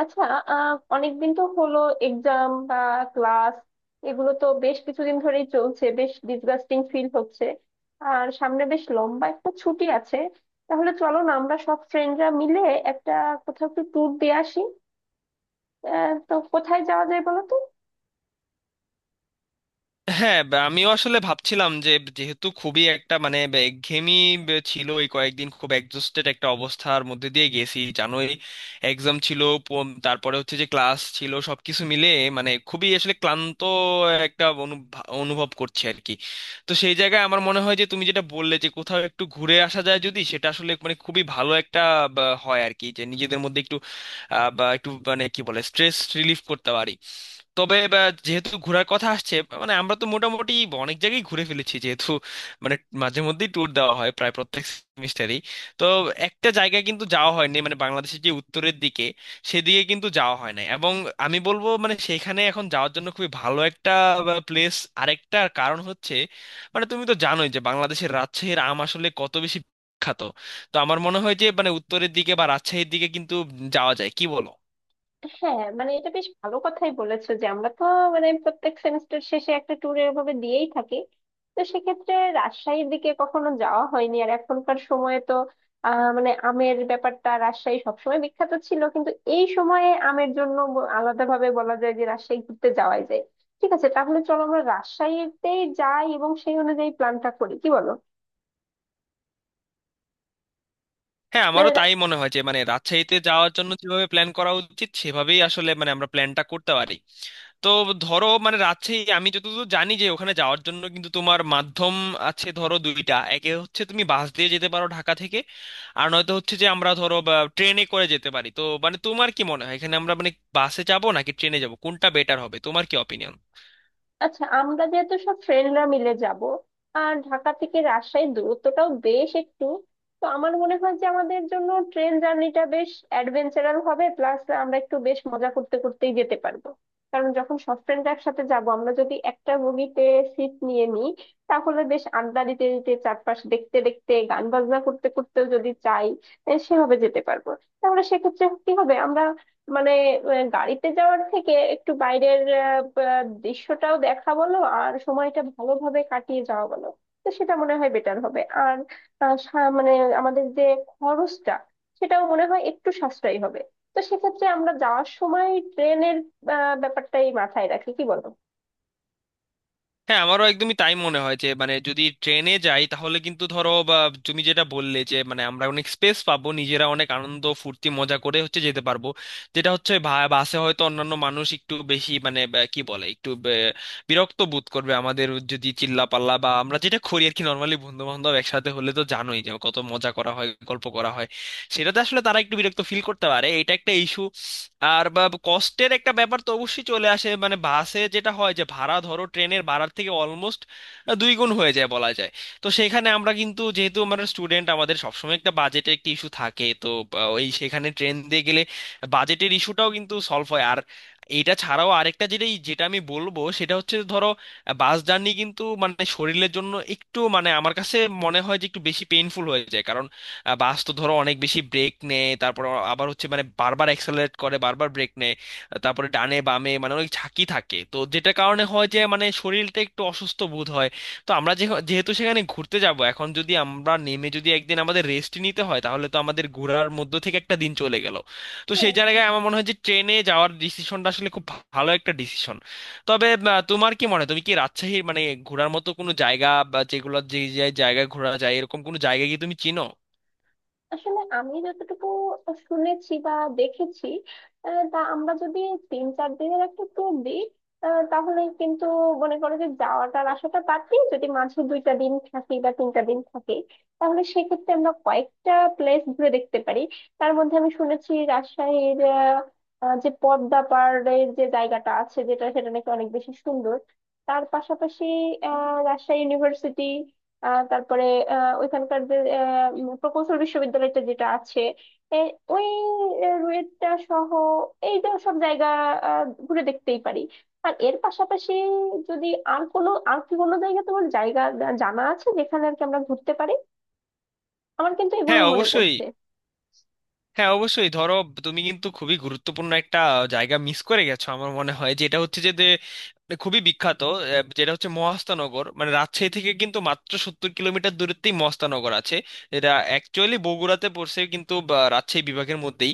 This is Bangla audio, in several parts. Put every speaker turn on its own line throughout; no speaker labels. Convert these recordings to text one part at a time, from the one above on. আচ্ছা। অনেকদিন তো হলো। এক্সাম বা ক্লাস এগুলো তো বেশ কিছুদিন ধরেই চলছে, বেশ ডিসগাস্টিং ফিল হচ্ছে। আর সামনে বেশ লম্বা একটা ছুটি আছে। তাহলে চলো না, আমরা সব ফ্রেন্ডরা মিলে একটা কোথাও একটু ট্যুর দিয়ে আসি। তো কোথায় যাওয়া যায় বলো তো।
হ্যাঁ বা আমিও আসলে ভাবছিলাম যে যেহেতু খুবই একটা মানে একঘেয়েমি ছিল, এই কয়েকদিন খুব এক্সস্টেড একটা অবস্থার মধ্যে দিয়ে গেছি জানোই। এক্সাম ছিল, তারপরে হচ্ছে যে ক্লাস ছিল, সবকিছু মিলে মানে খুবই আসলে ক্লান্ত একটা অনুভব করছি আর কি। তো সেই জায়গায় আমার মনে হয় যে তুমি যেটা বললে যে কোথাও একটু ঘুরে আসা যায় যদি, সেটা আসলে মানে খুবই ভালো একটা হয় আর কি, যে নিজেদের মধ্যে একটু বা একটু মানে কি বলে স্ট্রেস রিলিফ করতে পারি। তবে যেহেতু ঘোরার কথা আসছে, মানে আমরা তো মোটামুটি অনেক জায়গায় ঘুরে ফেলেছি, যেহেতু মানে মাঝে মধ্যেই ট্যুর দেওয়া হয় প্রায় প্রত্যেক সেমিস্টারই। তো একটা জায়গায় কিন্তু যাওয়া হয়নি, মানে বাংলাদেশের যে উত্তরের দিকে সেদিকে কিন্তু যাওয়া হয় না। এবং আমি বলবো মানে সেখানে এখন যাওয়ার জন্য খুবই ভালো একটা প্লেস। আরেকটা কারণ হচ্ছে মানে তুমি তো জানোই যে বাংলাদেশের রাজশাহীর আম আসলে কত বেশি বিখ্যাত। তো আমার মনে হয় যে মানে উত্তরের দিকে বা রাজশাহীর দিকে কিন্তু যাওয়া যায়, কি বলো?
হ্যাঁ, মানে এটা বেশ ভালো কথাই বলেছো যে আমরা তো মানে প্রত্যেক সেমিস্টার শেষে একটা ট্যুর এভাবে দিয়েই থাকি। তো সেক্ষেত্রে রাজশাহীর দিকে কখনো যাওয়া হয়নি, আর এখনকার সময়ে তো মানে আমের ব্যাপারটা রাজশাহী সবসময় বিখ্যাত ছিল, কিন্তু এই সময়ে আমের জন্য আলাদাভাবে বলা যায় যে রাজশাহী ঘুরতে যাওয়াই যায়। ঠিক আছে, তাহলে চলো আমরা রাজশাহীতেই যাই এবং সেই অনুযায়ী প্ল্যানটা করি, কি বলো।
হ্যাঁ
মানে
আমারও তাই মনে হয় যে মানে রাজশাহীতে যাওয়ার জন্য যেভাবে প্ল্যান করা উচিত সেভাবেই আসলে মানে আমরা প্ল্যানটা করতে পারি। তো ধরো মানে রাজশাহী আমি যতদূর জানি যে ওখানে যাওয়ার জন্য কিন্তু তোমার মাধ্যম আছে, ধরো দুইটা। একে হচ্ছে তুমি বাস দিয়ে যেতে পারো ঢাকা থেকে, আর নয়তো হচ্ছে যে আমরা ধরো ট্রেনে করে যেতে পারি। তো মানে তোমার কি মনে হয় এখানে আমরা মানে বাসে যাবো নাকি ট্রেনে যাবো, কোনটা বেটার হবে, তোমার কি অপিনিয়ন?
আচ্ছা, আমরা যেহেতু সব ফ্রেন্ডরা মিলে যাব আর ঢাকা থেকে রাজশাহীর দূরত্বটাও বেশ একটু, তো আমার মনে হয় যে আমাদের জন্য ট্রেন জার্নিটা বেশ অ্যাডভেঞ্চারাল হবে, প্লাস আমরা একটু বেশ মজা করতে করতেই যেতে পারবো। কারণ যখন সব ফ্রেন্ডরা একসাথে যাব, আমরা যদি একটা বগিতে সিট নিয়ে নিই, তাহলে বেশ আড্ডা দিতে দিতে চারপাশ দেখতে দেখতে গান বাজনা করতে করতেও যদি চাই, সেভাবে যেতে পারবো। তাহলে সেক্ষেত্রে কি হবে আমরা মানে গাড়িতে যাওয়ার থেকে একটু বাইরের আহ, আহ, দৃশ্যটাও দেখা বলো আর সময়টা ভালোভাবে কাটিয়ে যাওয়া বলো। তো সেটা মনে হয় বেটার হবে। আর মানে আমাদের যে খরচটা, সেটাও মনে হয় একটু সাশ্রয়ী হবে। তো সেক্ষেত্রে আমরা যাওয়ার সময় ট্রেনের ব্যাপারটাই মাথায় রাখি, কি বলো।
হ্যাঁ আমারও একদমই তাই মনে হয় যে মানে যদি ট্রেনে যাই তাহলে কিন্তু ধরো বা তুমি যেটা বললে যে মানে আমরা অনেক স্পেস পাবো, নিজেরা অনেক আনন্দ ফুর্তি মজা করে হচ্ছে যেতে পারবো। যেটা হচ্ছে বাসে হয়তো অন্যান্য মানুষ একটু বেশি মানে বা কি বলে একটু বিরক্ত বোধ করবে আমাদের যদি চিল্লাপাল্লা বা আমরা যেটা করি আর কি, নর্মালি বন্ধু বান্ধব একসাথে হলে তো জানোই যে কত মজা করা হয়, গল্প করা হয়। সেটাতে আসলে তারা একটু বিরক্ত ফিল করতে পারে, এটা একটা ইস্যু। আর বা কস্টের একটা ব্যাপার তো অবশ্যই চলে আসে, মানে বাসে যেটা হয় যে ভাড়া ধরো ট্রেনের ভাড়ার থেকে অলমোস্ট দুই গুণ হয়ে যায় বলা যায়। তো সেখানে আমরা কিন্তু যেহেতু আমরা স্টুডেন্ট আমাদের সবসময় একটা বাজেটের একটা ইস্যু থাকে, তো ওই সেখানে ট্রেন দিয়ে গেলে বাজেটের ইস্যুটাও কিন্তু সলভ হয়। আর এটা ছাড়াও আরেকটা যেটা যেটা আমি বলবো সেটা হচ্ছে ধরো বাস জার্নি কিন্তু মানে শরীরের জন্য একটু মানে আমার কাছে মনে হয় যে একটু বেশি পেইনফুল হয়ে যায়, কারণ বাস তো ধরো অনেক বেশি ব্রেক নেয়, তারপর আবার হচ্ছে মানে বারবার অ্যাক্সেলারেট করে বারবার ব্রেক নেয়, তারপরে ডানে বামে মানে অনেক ঝাঁকি থাকে, তো যেটার কারণে হয় যে মানে শরীরটা একটু অসুস্থ বোধ হয়। তো আমরা যে যেহেতু সেখানে ঘুরতে যাব, এখন যদি আমরা নেমে যদি একদিন আমাদের রেস্ট নিতে হয় তাহলে তো আমাদের ঘোরার মধ্য থেকে একটা দিন চলে গেল। তো সেই জায়গায় আমার মনে হয় যে ট্রেনে যাওয়ার ডিসিশনটা আসলে খুব ভালো একটা ডিসিশন। তবে তোমার কি মনে হয় তুমি কি রাজশাহীর মানে ঘোরার মতো কোনো জায়গা, বা যেগুলো যে যে জায়গায় ঘোরা যায় এরকম কোনো জায়গা কি তুমি চিনো?
আসলে আমি যতটুকু শুনেছি বা দেখেছি, তা আমরা যদি তিন চার দিনের একটা ট্যুর দিই, তাহলে কিন্তু মনে করো যে যাওয়াটার আশাটা বাদ দিয়ে যদি মাঝে দুইটা দিন থাকি বা তিনটা দিন থাকি, তাহলে সেক্ষেত্রে আমরা কয়েকটা প্লেস ঘুরে দেখতে পারি। তার মধ্যে আমি শুনেছি রাজশাহীর আহ, আহ, যে পদ্মা পাড়ের যে জায়গাটা আছে যেটা, সেটা নাকি অনেক বেশি সুন্দর। তার পাশাপাশি রাজশাহী ইউনিভার্সিটি, তারপরে ওইখানকার যে প্রকৌশল বিশ্ববিদ্যালয়টা যেটা আছে, এ, ওই রুয়েটটা সহ এই যে সব জায়গা, ঘুরে দেখতেই পারি। আর এর পাশাপাশি যদি আর কোনো আর কি কোনো জায়গা তোমার জায়গা জানা আছে যেখানে আর কি আমরা ঘুরতে পারি। আমার কিন্তু
হ্যাঁ
এগুলোই মনে
অবশ্যই।
পড়ছে।
হ্যাঁ অবশ্যই ধরো, তুমি কিন্তু খুবই গুরুত্বপূর্ণ একটা জায়গা মিস করে গেছো আমার মনে হয়, যেটা হচ্ছে যে যে মানে খুবই বিখ্যাত যেটা হচ্ছে মহাস্থানগর। মানে রাজশাহী থেকে কিন্তু মাত্র 70 কিলোমিটার দূরত্বেই মহাস্থানগর আছে। এটা অ্যাকচুয়ালি বগুড়াতে পড়ছে কিন্তু রাজশাহী বিভাগের মধ্যেই।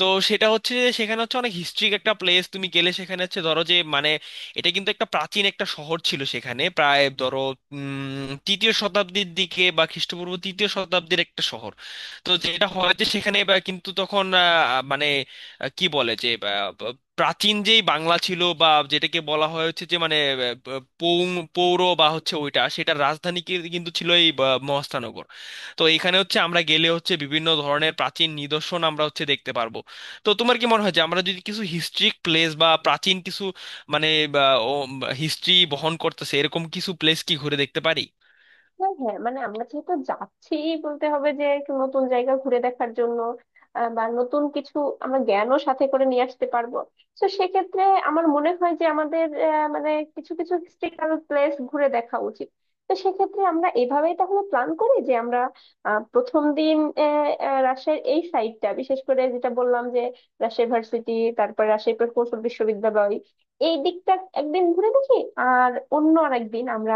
তো সেটা হচ্ছে যে সেখানে হচ্ছে অনেক হিস্ট্রিক একটা প্লেস, তুমি গেলে সেখানে হচ্ছে ধরো যে মানে এটা কিন্তু একটা প্রাচীন একটা শহর ছিল। সেখানে প্রায় ধরো তৃতীয় শতাব্দীর দিকে বা খ্রিস্টপূর্ব তৃতীয় শতাব্দীর একটা শহর। তো যেটা হয় যে সেখানে বা কিন্তু তখন মানে কি বলে যে প্রাচীন যেই বাংলা ছিল, বা যেটাকে বলা হয় হচ্ছে যে মানে আহ, প- পৌং পৌর বা হচ্ছে ওইটা, সেটার রাজধানী কিন্তু ছিল এই মহাস্থানগর। তো এখানে হচ্ছে আমরা গেলে হচ্ছে বিভিন্ন ধরনের প্রাচীন নিদর্শন আমরা হচ্ছে দেখতে পারবো। তো তোমার কি মনে হয় যে আমরা যদি কিছু হিস্ট্রিক প্লেস বা প্রাচীন কিছু মানে হিস্ট্রি বহন করতেছে এরকম কিছু প্লেস কি ঘুরে দেখতে পারি?
হ্যাঁ হ্যাঁ, মানে আমরা যেহেতু যাচ্ছি, বলতে হবে যে একটু নতুন জায়গা ঘুরে দেখার জন্য বা নতুন কিছু আমরা জ্ঞানও সাথে করে নিয়ে আসতে পারবো। তো সেক্ষেত্রে আমার মনে হয় যে আমাদের মানে কিছু কিছু হিস্টোরিক্যাল প্লেস ঘুরে দেখা উচিত। তো সেক্ষেত্রে আমরা এভাবেই তাহলে প্ল্যান করি যে আমরা প্রথম দিন আহ, আহ, রাজশাহীর এই সাইডটা, বিশেষ করে যেটা বললাম যে রাজশাহী ভার্সিটি, তারপর রাজশাহী প্রকৌশল বিশ্ববিদ্যালয়, এই দিকটা একদিন ঘুরে দেখি। আর অন্য আরেকদিন আমরা,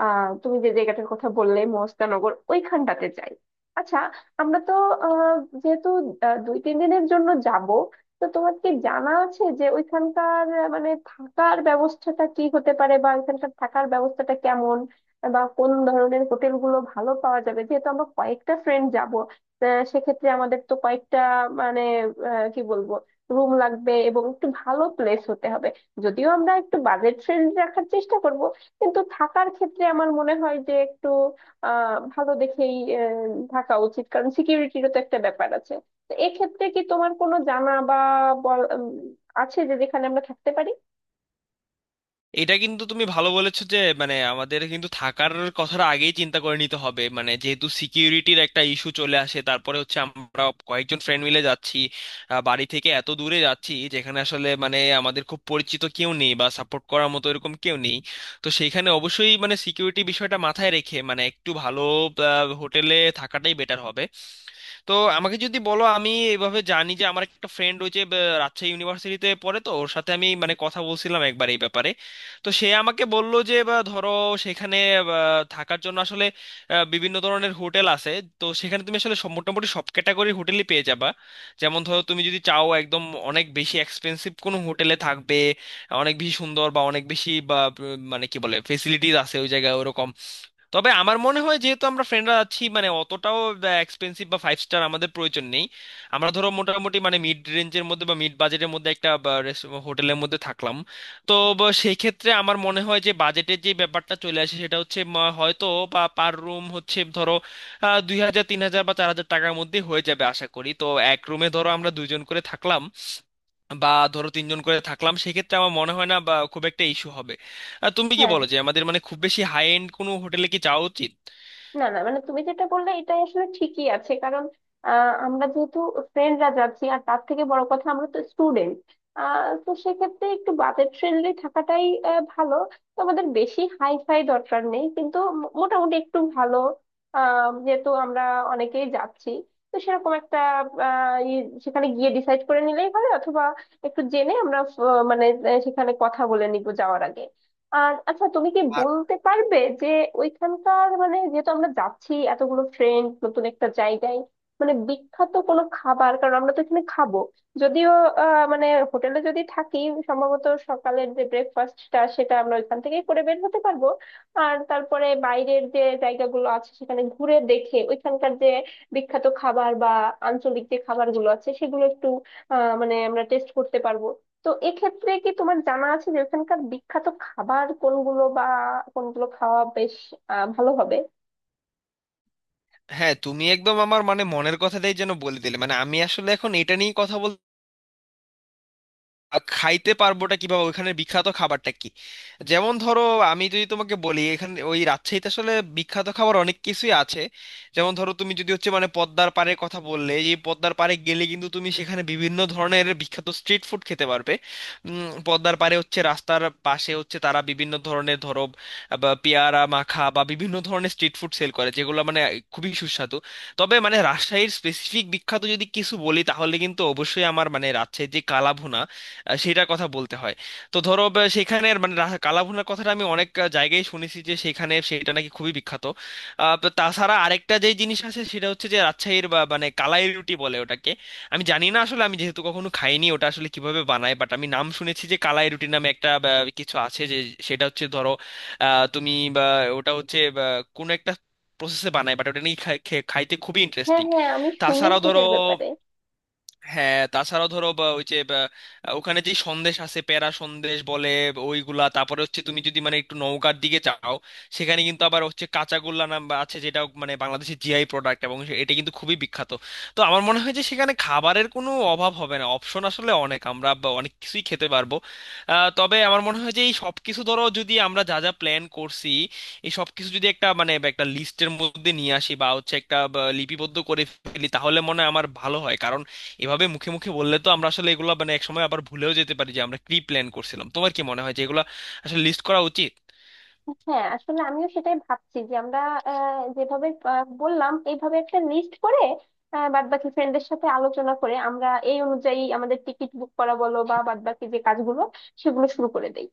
তুমি যে জায়গাটার কথা বললে মহস্তানগর, ওইখানটাতে যাই। আচ্ছা, আমরা তো আহ যেহেতু দুই তিন দিনের জন্য যাব, তো তোমার কি জানা আছে যে ওইখানকার মানে থাকার ব্যবস্থাটা কি হতে পারে, বা ওইখানকার থাকার ব্যবস্থাটা কেমন, বা কোন ধরনের হোটেল গুলো ভালো পাওয়া যাবে? যেহেতু আমরা কয়েকটা ফ্রেন্ড যাব, সেক্ষেত্রে আমাদের তো কয়েকটা মানে কি বলবো, রুম লাগবে এবং একটু ভালো প্লেস হতে হবে। যদিও আমরা একটু বাজেট ফ্রেন্ডলি রাখার চেষ্টা করব, কিন্তু থাকার ক্ষেত্রে আমার মনে হয় যে একটু ভালো দেখেই থাকা উচিত, কারণ সিকিউরিটিরও তো একটা ব্যাপার আছে। তো এক্ষেত্রে কি তোমার কোনো জানা বা বল- উম, আছে যে যেখানে আমরা থাকতে পারি।
এটা কিন্তু তুমি ভালো বলেছো যে মানে আমাদের কিন্তু থাকার কথাটা আগেই চিন্তা করে নিতে হবে, মানে যেহেতু সিকিউরিটির একটা ইস্যু চলে আসে, তারপরে হচ্ছে আমরা কয়েকজন ফ্রেন্ড মিলে যাচ্ছি, বাড়ি থেকে এত দূরে যাচ্ছি যেখানে আসলে মানে আমাদের খুব পরিচিত কেউ নেই বা সাপোর্ট করার মতো এরকম কেউ নেই। তো সেইখানে অবশ্যই মানে সিকিউরিটি বিষয়টা মাথায় রেখে মানে একটু ভালো হোটেলে থাকাটাই বেটার হবে। তো আমাকে যদি বলো, আমি এইভাবে জানি যে আমার একটা ফ্রেন্ড রয়েছে, রাজশাহী ইউনিভার্সিটিতে পড়ে, তো ওর সাথে আমি মানে কথা বলছিলাম একবার এই ব্যাপারে। তো সে আমাকে বলল যে বা ধরো সেখানে বা, থাকার জন্য আসলে বিভিন্ন ধরনের হোটেল আছে। তো সেখানে তুমি আসলে মোটামুটি সব ক্যাটাগরির হোটেলই পেয়ে যাবা। যেমন ধরো তুমি যদি চাও একদম অনেক বেশি এক্সপেন্সিভ কোনো হোটেলে থাকবে, অনেক বেশি সুন্দর বা অনেক বেশি বা মানে কি বলে ফেসিলিটিস আছে ওই জায়গায়, ওরকম। তবে আমার মনে হয় যেহেতু আমরা ফ্রেন্ডরা আছি মানে অতটাও এক্সপেন্সিভ বা ফাইভ স্টার আমাদের প্রয়োজন নেই। আমরা ধরো মোটামুটি মানে মিড রেঞ্জের মধ্যে বা মিড বাজেটের মধ্যে একটা হোটেলের মধ্যে থাকলাম। তো সেই ক্ষেত্রে আমার মনে হয় যে বাজেটের যে ব্যাপারটা চলে আসে সেটা হচ্ছে হয়তো বা পার রুম হচ্ছে ধরো 2,000, 3,000 বা 4,000 টাকার মধ্যে হয়ে যাবে আশা করি। তো এক রুমে ধরো আমরা দুজন করে থাকলাম বা ধরো তিনজন করে থাকলাম, সেক্ষেত্রে আমার মনে হয় না বা খুব একটা ইস্যু হবে। তুমি কি
হ্যাঁ,
বলো যে আমাদের মানে খুব বেশি হাই এন্ড কোনো হোটেলে কি যাওয়া উচিত?
না না, মানে তুমি যেটা বললে এটাই আসলে ঠিকই আছে, কারণ আমরা যেহেতু ফ্রেন্ডরা যাচ্ছি, আর তার থেকে বড় কথা আমরা তো স্টুডেন্ট। তো সেক্ষেত্রে একটু বাজেট ফ্রেন্ডলি থাকাটাই ভালো। তো আমাদের বেশি হাই ফাই দরকার নেই, কিন্তু মোটামুটি একটু ভালো। যেহেতু আমরা অনেকেই যাচ্ছি, তো সেরকম একটা সেখানে গিয়ে ডিসাইড করে নিলেই হবে। অথবা একটু জেনে আমরা, মানে সেখানে কথা বলে নিবো যাওয়ার আগে। আর আচ্ছা, তুমি কি বলতে পারবে যে ওইখানকার মানে যেহেতু আমরা যাচ্ছি এতগুলো ফ্রেন্ড নতুন একটা জায়গায়, মানে বিখ্যাত কোনো খাবার, কারণ আমরা তো এখানে খাবো। যদিও মানে হোটেলে যদি থাকি, সম্ভবত সকালের যে ব্রেকফাস্টটা সেটা আমরা ওইখান থেকেই করে বের হতে পারবো। আর তারপরে বাইরের যে জায়গাগুলো আছে সেখানে ঘুরে দেখে ওইখানকার যে বিখ্যাত খাবার বা আঞ্চলিক যে খাবারগুলো আছে সেগুলো একটু মানে আমরা টেস্ট করতে পারবো। তো এক্ষেত্রে কি তোমার জানা আছে যে ওখানকার বিখ্যাত খাবার কোনগুলো, বা কোনগুলো খাওয়া বেশ ভালো হবে?
হ্যাঁ তুমি একদম আমার মানে মনের কথাটাই যেন বলে দিলে, মানে আমি আসলে এখন এটা নিয়েই কথা বলতে খাইতে পারবোটা কিভাবে, ওইখানে বিখ্যাত খাবারটা কি। যেমন ধরো আমি যদি তোমাকে বলি এখানে ওই রাজশাহীতে আসলে বিখ্যাত খাবার অনেক কিছুই আছে। যেমন ধরো তুমি যদি হচ্ছে মানে পদ্মার পাড়ের কথা বললে, যে পদ্মার পাড়ে গেলে কিন্তু তুমি সেখানে বিভিন্ন ধরনের বিখ্যাত স্ট্রিট ফুড খেতে পারবে। পদ্মার পাড়ে হচ্ছে রাস্তার পাশে হচ্ছে তারা বিভিন্ন ধরনের ধরো বা পেয়ারা মাখা বা বিভিন্ন ধরনের স্ট্রিট ফুড সেল করে, যেগুলো মানে খুবই সুস্বাদু। তবে মানে রাজশাহীর স্পেসিফিক বিখ্যাত যদি কিছু বলি তাহলে কিন্তু অবশ্যই আমার মানে রাজশাহীর যে কালাভুনা, সেটার কথা বলতে হয়। তো ধরো সেখানের মানে কালাভুনার কথাটা আমি অনেক জায়গায় শুনেছি যে সেখানে সেটা নাকি খুবই বিখ্যাত। তো তাছাড়া আরেকটা যে জিনিস আছে সেটা হচ্ছে যে রাজশাহীর মানে কালাই রুটি বলে ওটাকে। আমি জানি না আসলে, আমি যেহেতু কখনো খাইনি ওটা আসলে কিভাবে বানায়, বাট আমি নাম শুনেছি যে কালাই রুটি নামে একটা কিছু আছে যে সেটা হচ্ছে ধরো তুমি বা ওটা হচ্ছে কোনো একটা প্রসেসে বানায়, বাট ওটা নিয়ে খাইতে খুবই
হ্যাঁ
ইন্টারেস্টিং।
হ্যাঁ, আমি
তাছাড়াও
শুনেছি
ধরো
এটার ব্যাপারে।
হ্যাঁ তাছাড়াও ধরো বা ওই যে ওখানে যে সন্দেশ আছে প্যারা সন্দেশ বলে ওইগুলা, তারপরে হচ্ছে তুমি যদি মানে একটু নওগাঁর দিকে যাও, সেখানে কিন্তু আবার হচ্ছে কাঁচাগোল্লা নাম বা আছে, যেটা মানে বাংলাদেশের জিআই প্রোডাক্ট, এবং এটা কিন্তু খুবই বিখ্যাত। তো আমার মনে হয় যে সেখানে খাবারের কোনো অভাব হবে না, অপশন আসলে অনেক, আমরা বা অনেক কিছুই খেতে পারবো। তবে আমার মনে হয় যে এই সব কিছু ধরো যদি আমরা যা যা প্ল্যান করছি এই সব কিছু যদি একটা মানে একটা লিস্টের মধ্যে নিয়ে আসি বা হচ্ছে একটা লিপিবদ্ধ করে ফেলি তাহলে মনে হয় আমার ভালো হয়, কারণ এভাবে মুখে মুখে বললে তো আমরা আসলে এগুলো মানে একসময় আবার ভুলেও যেতে পারি যে আমরা কি প্ল্যান করছিলাম। তোমার কি মনে হয় যে এগুলো আসলে লিস্ট করা উচিত?
হ্যাঁ, আসলে আমিও সেটাই ভাবছি যে আমরা যেভাবে বললাম এইভাবে একটা লিস্ট করে বাদ বাকি ফ্রেন্ডদের সাথে আলোচনা করে আমরা এই অনুযায়ী আমাদের টিকিট বুক করা বলো বা বাদ বাকি যে কাজগুলো সেগুলো শুরু করে দেই।